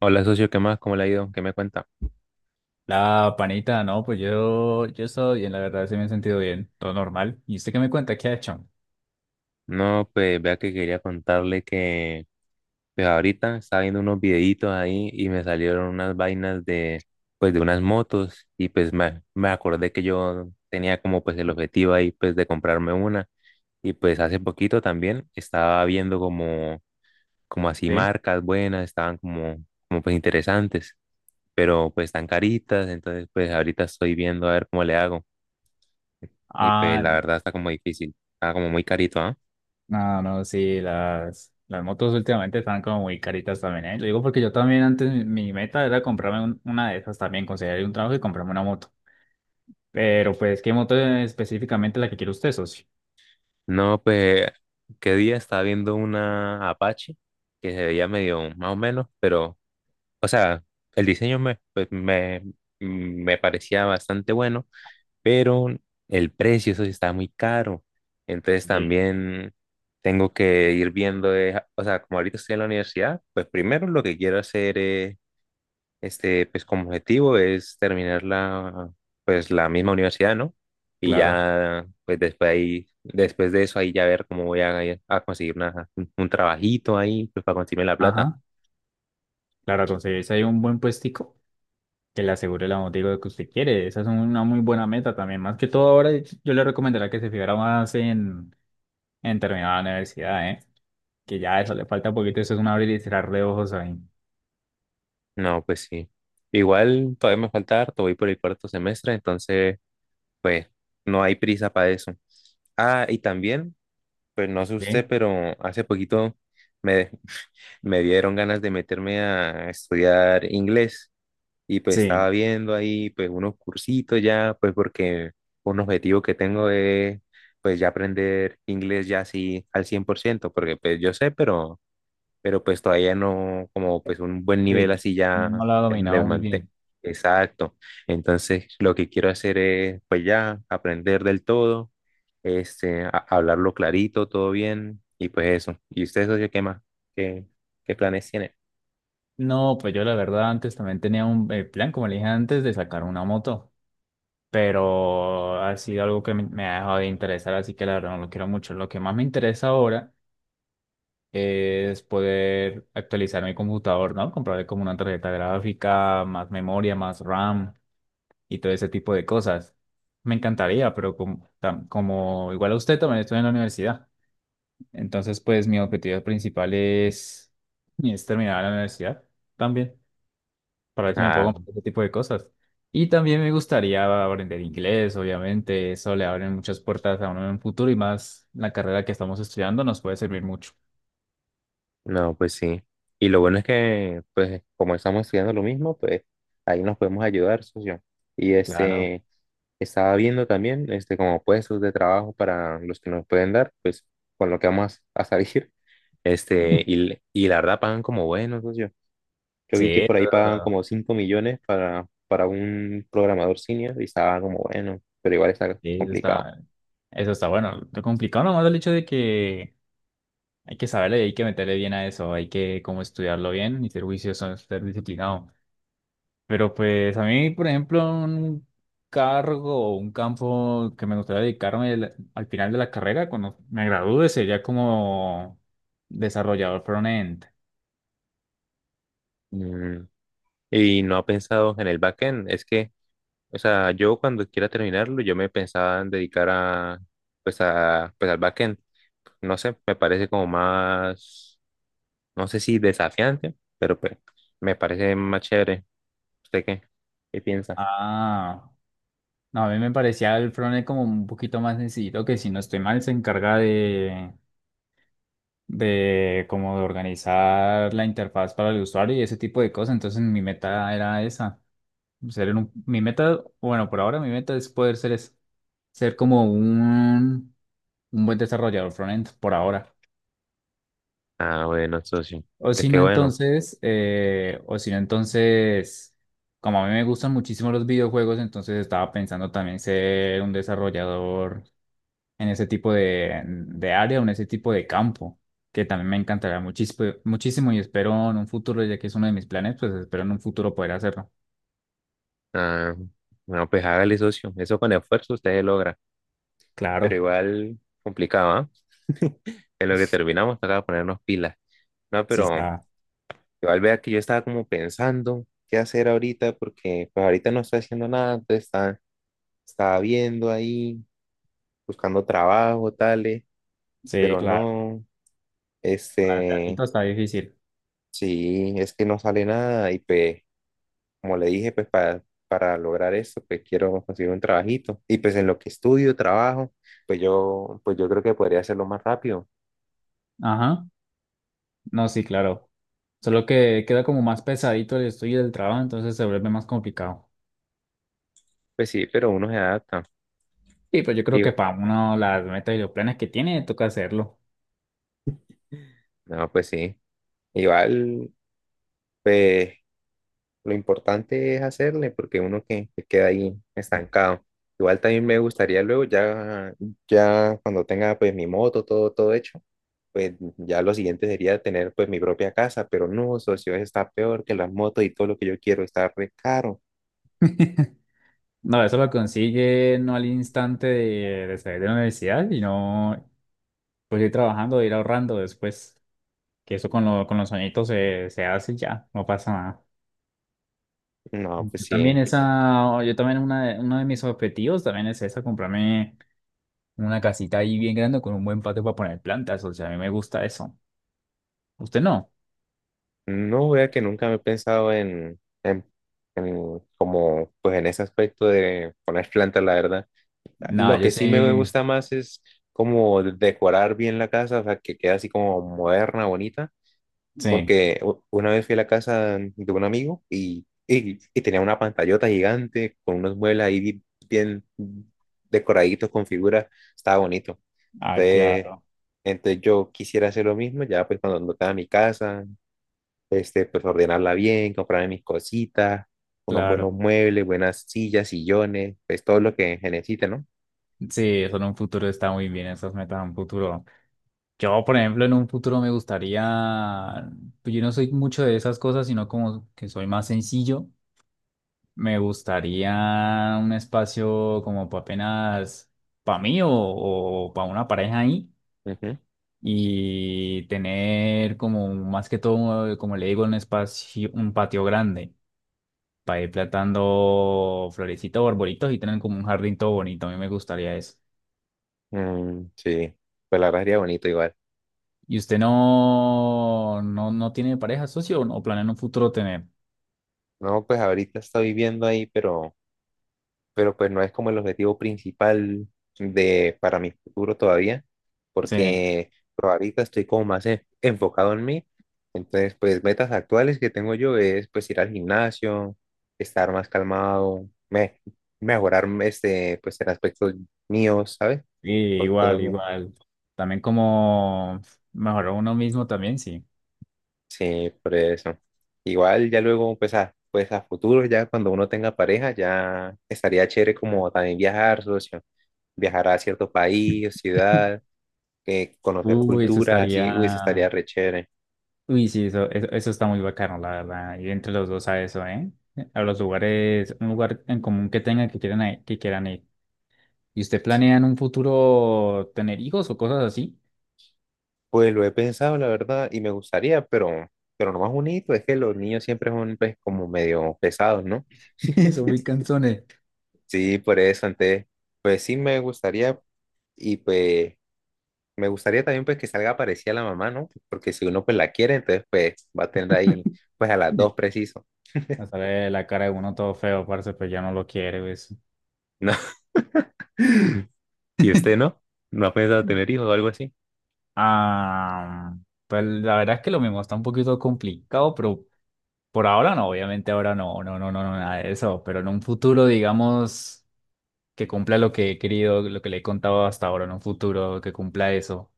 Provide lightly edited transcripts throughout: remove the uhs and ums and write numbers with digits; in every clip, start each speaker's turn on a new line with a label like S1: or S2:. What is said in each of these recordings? S1: Hola, socio, ¿qué más? ¿Cómo le ha ido? ¿Qué me cuenta?
S2: La panita, no, pues yo he estado bien, la verdad, sí me he sentido bien, todo normal. ¿Y usted qué me cuenta? ¿Qué ha hecho?
S1: No, pues vea que quería contarle que pues ahorita estaba viendo unos videitos ahí y me salieron unas vainas de pues de unas motos y pues me acordé que yo tenía como pues el objetivo ahí pues de comprarme una y pues hace poquito también estaba viendo como así
S2: ¿Sí?
S1: marcas buenas, estaban como pues interesantes, pero pues están caritas. Entonces pues ahorita estoy viendo a ver cómo le hago, y pues
S2: Ah,
S1: la verdad está como difícil, está como muy carito, ¿ah?
S2: no, no, sí, las motos últimamente están como muy caritas también, ¿eh? Lo digo porque yo también antes mi meta era comprarme una de esas también, conseguir un trabajo y comprarme una moto. Pero pues, ¿qué moto es específicamente la que quiere usted, socio?
S1: No, pues, qué día estaba viendo una Apache que se veía medio más o menos, pero, o sea, el diseño me parecía bastante bueno, pero el precio, eso sí estaba muy caro. Entonces
S2: Sí.
S1: también tengo que ir viendo, o sea, como ahorita estoy en la universidad, pues primero lo que quiero hacer es pues como objetivo es terminar pues la misma universidad, ¿no? Y
S2: Claro.
S1: ya, pues después ahí, después de eso ahí ya ver cómo voy a conseguir un trabajito ahí, pues para conseguirme la plata.
S2: Ajá. Claro, conseguirse ahí un buen puestico que le asegure la moto y lo que usted quiere. Esa es una muy buena meta también. Más que todo ahora yo le recomendaría que se fijara más en terminar la universidad, ¿eh? Que ya eso le falta un poquito, eso es un abrir y cerrar de ojos ahí.
S1: No, pues sí. Igual todavía me falta harto, voy por el cuarto semestre, entonces, pues no hay prisa para eso. Ah, y también, pues no sé usted,
S2: ¿Sí?
S1: pero hace poquito me, me dieron ganas de meterme a estudiar inglés. Y pues estaba
S2: Sí,
S1: viendo ahí pues unos cursitos ya, pues porque un objetivo que tengo es pues ya aprender inglés ya así al 100%, porque pues yo sé, pero, pues todavía no como pues un buen nivel
S2: sí.
S1: así ya
S2: No la ha
S1: de
S2: dominado muy
S1: manté.
S2: bien.
S1: Exacto. Entonces lo que quiero hacer es pues ya aprender del todo, hablarlo clarito, todo bien y pues eso. ¿Y usted, socio, qué más? ¿Qué, ¿qué planes tiene?
S2: No, pues yo la verdad antes también tenía un plan, como le dije antes, de sacar una moto. Pero ha sido algo que me ha dejado de interesar, así que la verdad no lo quiero mucho. Lo que más me interesa ahora es poder actualizar mi computador, ¿no? Comprarle como una tarjeta gráfica, más memoria, más RAM y todo ese tipo de cosas. Me encantaría, pero como, como igual a usted también estoy en la universidad. Entonces, pues mi objetivo principal es terminar la universidad también, para ver si me
S1: Ah,
S2: puedo comprar ese tipo de cosas. Y también me gustaría aprender inglés, obviamente, eso le abre muchas puertas a uno en un futuro y más la carrera que estamos estudiando nos puede servir mucho.
S1: no, pues sí. Y lo bueno es que, pues, como estamos estudiando lo mismo, pues ahí nos podemos ayudar, socio. Y
S2: Claro.
S1: estaba viendo también, como puestos de trabajo para los que nos pueden dar, pues, con lo que vamos salir. Este, y, y la verdad pagan como bueno, socio. Yo
S2: Sí,
S1: vi que por ahí pagan
S2: eso,
S1: como 5 millones para un programador senior y estaba como bueno, pero igual está
S2: sí,
S1: complicado.
S2: eso está bueno. Lo complicado nomás el hecho de que hay que saberle y hay que meterle bien a eso, hay que como estudiarlo bien y ser juicioso, ser disciplinado. Pero pues a mí, por ejemplo, un cargo o un campo que me gustaría dedicarme al final de la carrera, cuando me gradúe, sería como desarrollador front-end.
S1: Mm, y no ha pensado en el backend, es que o sea, yo cuando quiera terminarlo, yo me pensaba en dedicar pues pues al backend. No sé, me parece como más, no sé si desafiante, pero pues me parece más chévere. ¿Usted qué? ¿Qué piensa?
S2: Ah, no, a mí me parecía el front-end como un poquito más sencillo, que si no estoy mal se encarga de como de organizar la interfaz para el usuario y ese tipo de cosas. Entonces mi meta era esa, ser un, mi meta, bueno, por ahora mi meta es poder ser, ser como un buen desarrollador frontend por ahora.
S1: Ah, bueno, socio.
S2: O
S1: Pues
S2: si
S1: qué
S2: no,
S1: bueno.
S2: entonces, o si no, entonces, como a mí me gustan muchísimo los videojuegos, entonces estaba pensando también ser un desarrollador en ese tipo de área o en ese tipo de campo, que también me encantará muchísimo, muchísimo y espero en un futuro, ya que es uno de mis planes, pues espero en un futuro poder hacerlo.
S1: Ah, bueno pues hágale, socio. Eso con esfuerzo usted logra. Pero
S2: Claro,
S1: igual complicado, ¿ah? En lo que terminamos, toca ponernos pilas. No,
S2: sí
S1: pero
S2: está.
S1: igual vea que yo estaba como pensando qué hacer ahorita, porque pues ahorita no estoy haciendo nada, entonces estaba viendo ahí, buscando trabajo, tales,
S2: Sí,
S1: pero
S2: claro.
S1: no, este,
S2: Planteamiento está difícil.
S1: sí, es que no sale nada y pues, como le dije, pues para lograr eso, pues quiero conseguir un trabajito y pues en lo que estudio, trabajo, pues yo creo que podría hacerlo más rápido.
S2: Ajá. No, sí, claro. Solo que queda como más pesadito el estudio del trabajo, entonces se vuelve más complicado.
S1: Pues sí, pero uno se adapta.
S2: Y pues yo creo
S1: Y,
S2: que para uno las metas y los planes que tiene, toca hacerlo.
S1: no, pues sí, igual, pues... Lo importante es hacerle porque uno que queda ahí estancado. Igual también me gustaría luego ya, ya cuando tenga pues mi moto, todo, todo hecho, pues ya lo siguiente sería tener pues mi propia casa, pero no, socio, eso está peor que las motos y todo lo que yo quiero está re caro.
S2: No, eso lo consigue no al instante de salir de la universidad, sino pues ir trabajando, ir ahorrando después, que eso con, con los añitos se, se hace y ya, no pasa nada.
S1: No, pues
S2: Yo
S1: sí.
S2: también esa, yo también una de, uno de mis objetivos también es esa, comprarme una casita ahí bien grande con un buen patio para poner plantas, o sea, a mí me gusta eso. ¿Usted no?
S1: No, vea que nunca me he pensado en como pues en ese aspecto de poner plantas, la verdad.
S2: Nada,
S1: Lo
S2: yo
S1: que sí me
S2: sí,
S1: gusta más es como decorar bien la casa, o sea, que quede así como moderna, bonita,
S2: sí.
S1: porque una vez fui a la casa de un amigo y tenía una pantallota gigante con unos muebles ahí bien decoraditos con figuras, estaba bonito.
S2: Ah,
S1: Entonces,
S2: claro,
S1: entonces yo quisiera hacer lo mismo, ya pues cuando tenga mi casa, pues ordenarla bien, comprarme mis cositas, unos
S2: claro.
S1: buenos muebles, buenas sillas, sillones, pues todo lo que se necesite, ¿no?
S2: Sí, eso en un futuro está muy bien, esas metas en un futuro. Yo, por ejemplo, en un futuro me gustaría, pues yo no soy mucho de esas cosas, sino como que soy más sencillo. Me gustaría un espacio como para apenas para mí o para una pareja ahí
S1: Ujú.
S2: y tener como más que todo, como le digo, un espacio, un patio grande para ir plantando florecitas o arbolitos y tener como un jardín todo bonito. A mí me gustaría eso.
S1: Mm, sí, pues la verdad sería bonito igual.
S2: ¿Y usted no, no, no tiene pareja, socio, o no planea en un futuro tener?
S1: No, pues ahorita estoy viviendo ahí, pero, pues no es como el objetivo principal de para mi futuro todavía,
S2: Sí,
S1: porque pues, ahorita estoy como más enfocado en mí. Entonces, pues metas actuales que tengo yo es pues ir al gimnasio, estar más calmado, mejorar pues en aspectos míos, ¿sabes?
S2: sí,
S1: Pues, cosas
S2: igual,
S1: mías.
S2: igual. También como mejorar uno mismo también, sí.
S1: Sí, por eso. Igual ya luego, pues a futuro, ya cuando uno tenga pareja, ya estaría chévere como también viajar, socio, viajar a cierto país, o ciudad, conocer
S2: Uy, eso
S1: culturas, así, uy, eso
S2: estaría.
S1: estaría re chévere.
S2: Uy, sí, eso está muy bacano, la verdad. Ir entre los dos a eso, ¿eh? A los lugares, un lugar en común que tengan que quieran, que quieran ir. ¿Y usted planea en un futuro tener hijos o cosas así?
S1: Pues lo he pensado, la verdad, y me gustaría, pero, lo más bonito es que los niños siempre son pues, como medio pesados, ¿no?
S2: Eso, muy canzones.
S1: Sí, por eso, entonces, pues sí me gustaría y pues me gustaría también pues que salga parecida a la mamá, ¿no? Porque si uno pues la quiere, entonces pues va a tener ahí pues a las dos
S2: Sí.
S1: preciso,
S2: Me sale la cara de uno todo feo, parce, pues ya no lo quiere, ¿ves?
S1: ¿no? ¿Y usted no? ¿No ha pensado tener hijos o algo así?
S2: Ah, pues la verdad es que lo mismo está un poquito complicado, pero por ahora no, obviamente ahora no, no, no, no, no, nada de eso, pero en un futuro, digamos, que cumpla lo que he querido, lo que le he contado hasta ahora en un futuro, que cumpla eso.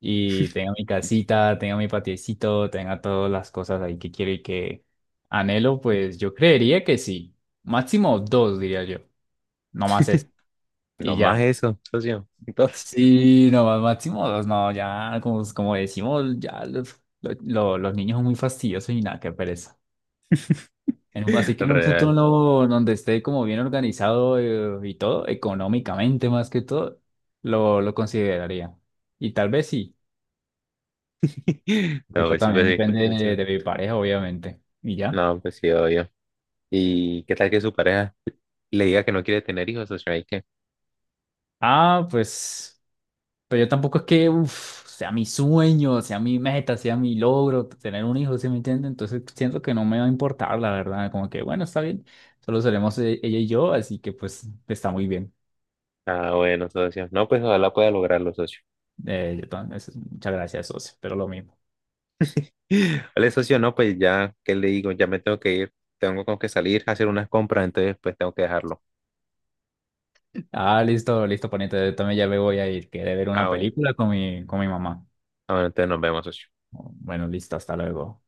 S2: Y tenga mi casita, tenga mi patiecito, tenga todas las cosas ahí que quiero y que anhelo, pues yo creería que sí. Máximo dos, diría yo. No más eso.
S1: No
S2: Y
S1: más
S2: ya.
S1: eso, socio. Entonces,
S2: Sí, no más máximo dos, no, ya, como, como decimos, ya los, los niños son muy fastidiosos y nada, qué pereza. Así que en un
S1: real.
S2: futuro donde esté como bien organizado y todo, económicamente más que todo, lo consideraría. Y tal vez sí,
S1: No,
S2: pero
S1: pues sí,
S2: también
S1: pues sí,
S2: depende
S1: pues sí.
S2: de mi pareja, obviamente. Y ya.
S1: No, pues sí, obvio. ¿Y qué tal que su pareja le diga que no quiere tener hijos, socio? Ahí qué.
S2: Ah, pues, pero yo tampoco es que uf, sea mi sueño, sea mi meta, sea mi logro tener un hijo, ¿sí me entiendes? Entonces siento que no me va a importar, la verdad. Como que, bueno, está bien, solo seremos ella y yo, así que pues está muy bien.
S1: Ah, bueno, socio. No, pues ojalá pueda lograrlo, socio.
S2: Muchas gracias, socio, pero lo mismo.
S1: Vale, socio, no, pues ya, ¿qué le digo? Ya me tengo que ir. Tengo como que salir a hacer unas compras, entonces pues tengo que dejarlo.
S2: Ah, listo, listo, poniente. Yo también ya me voy a ir. Quedé ver
S1: Ah,
S2: una
S1: bueno.
S2: película con mi mamá.
S1: Ah, bueno, entonces nos vemos, socio.
S2: Bueno, listo, hasta luego.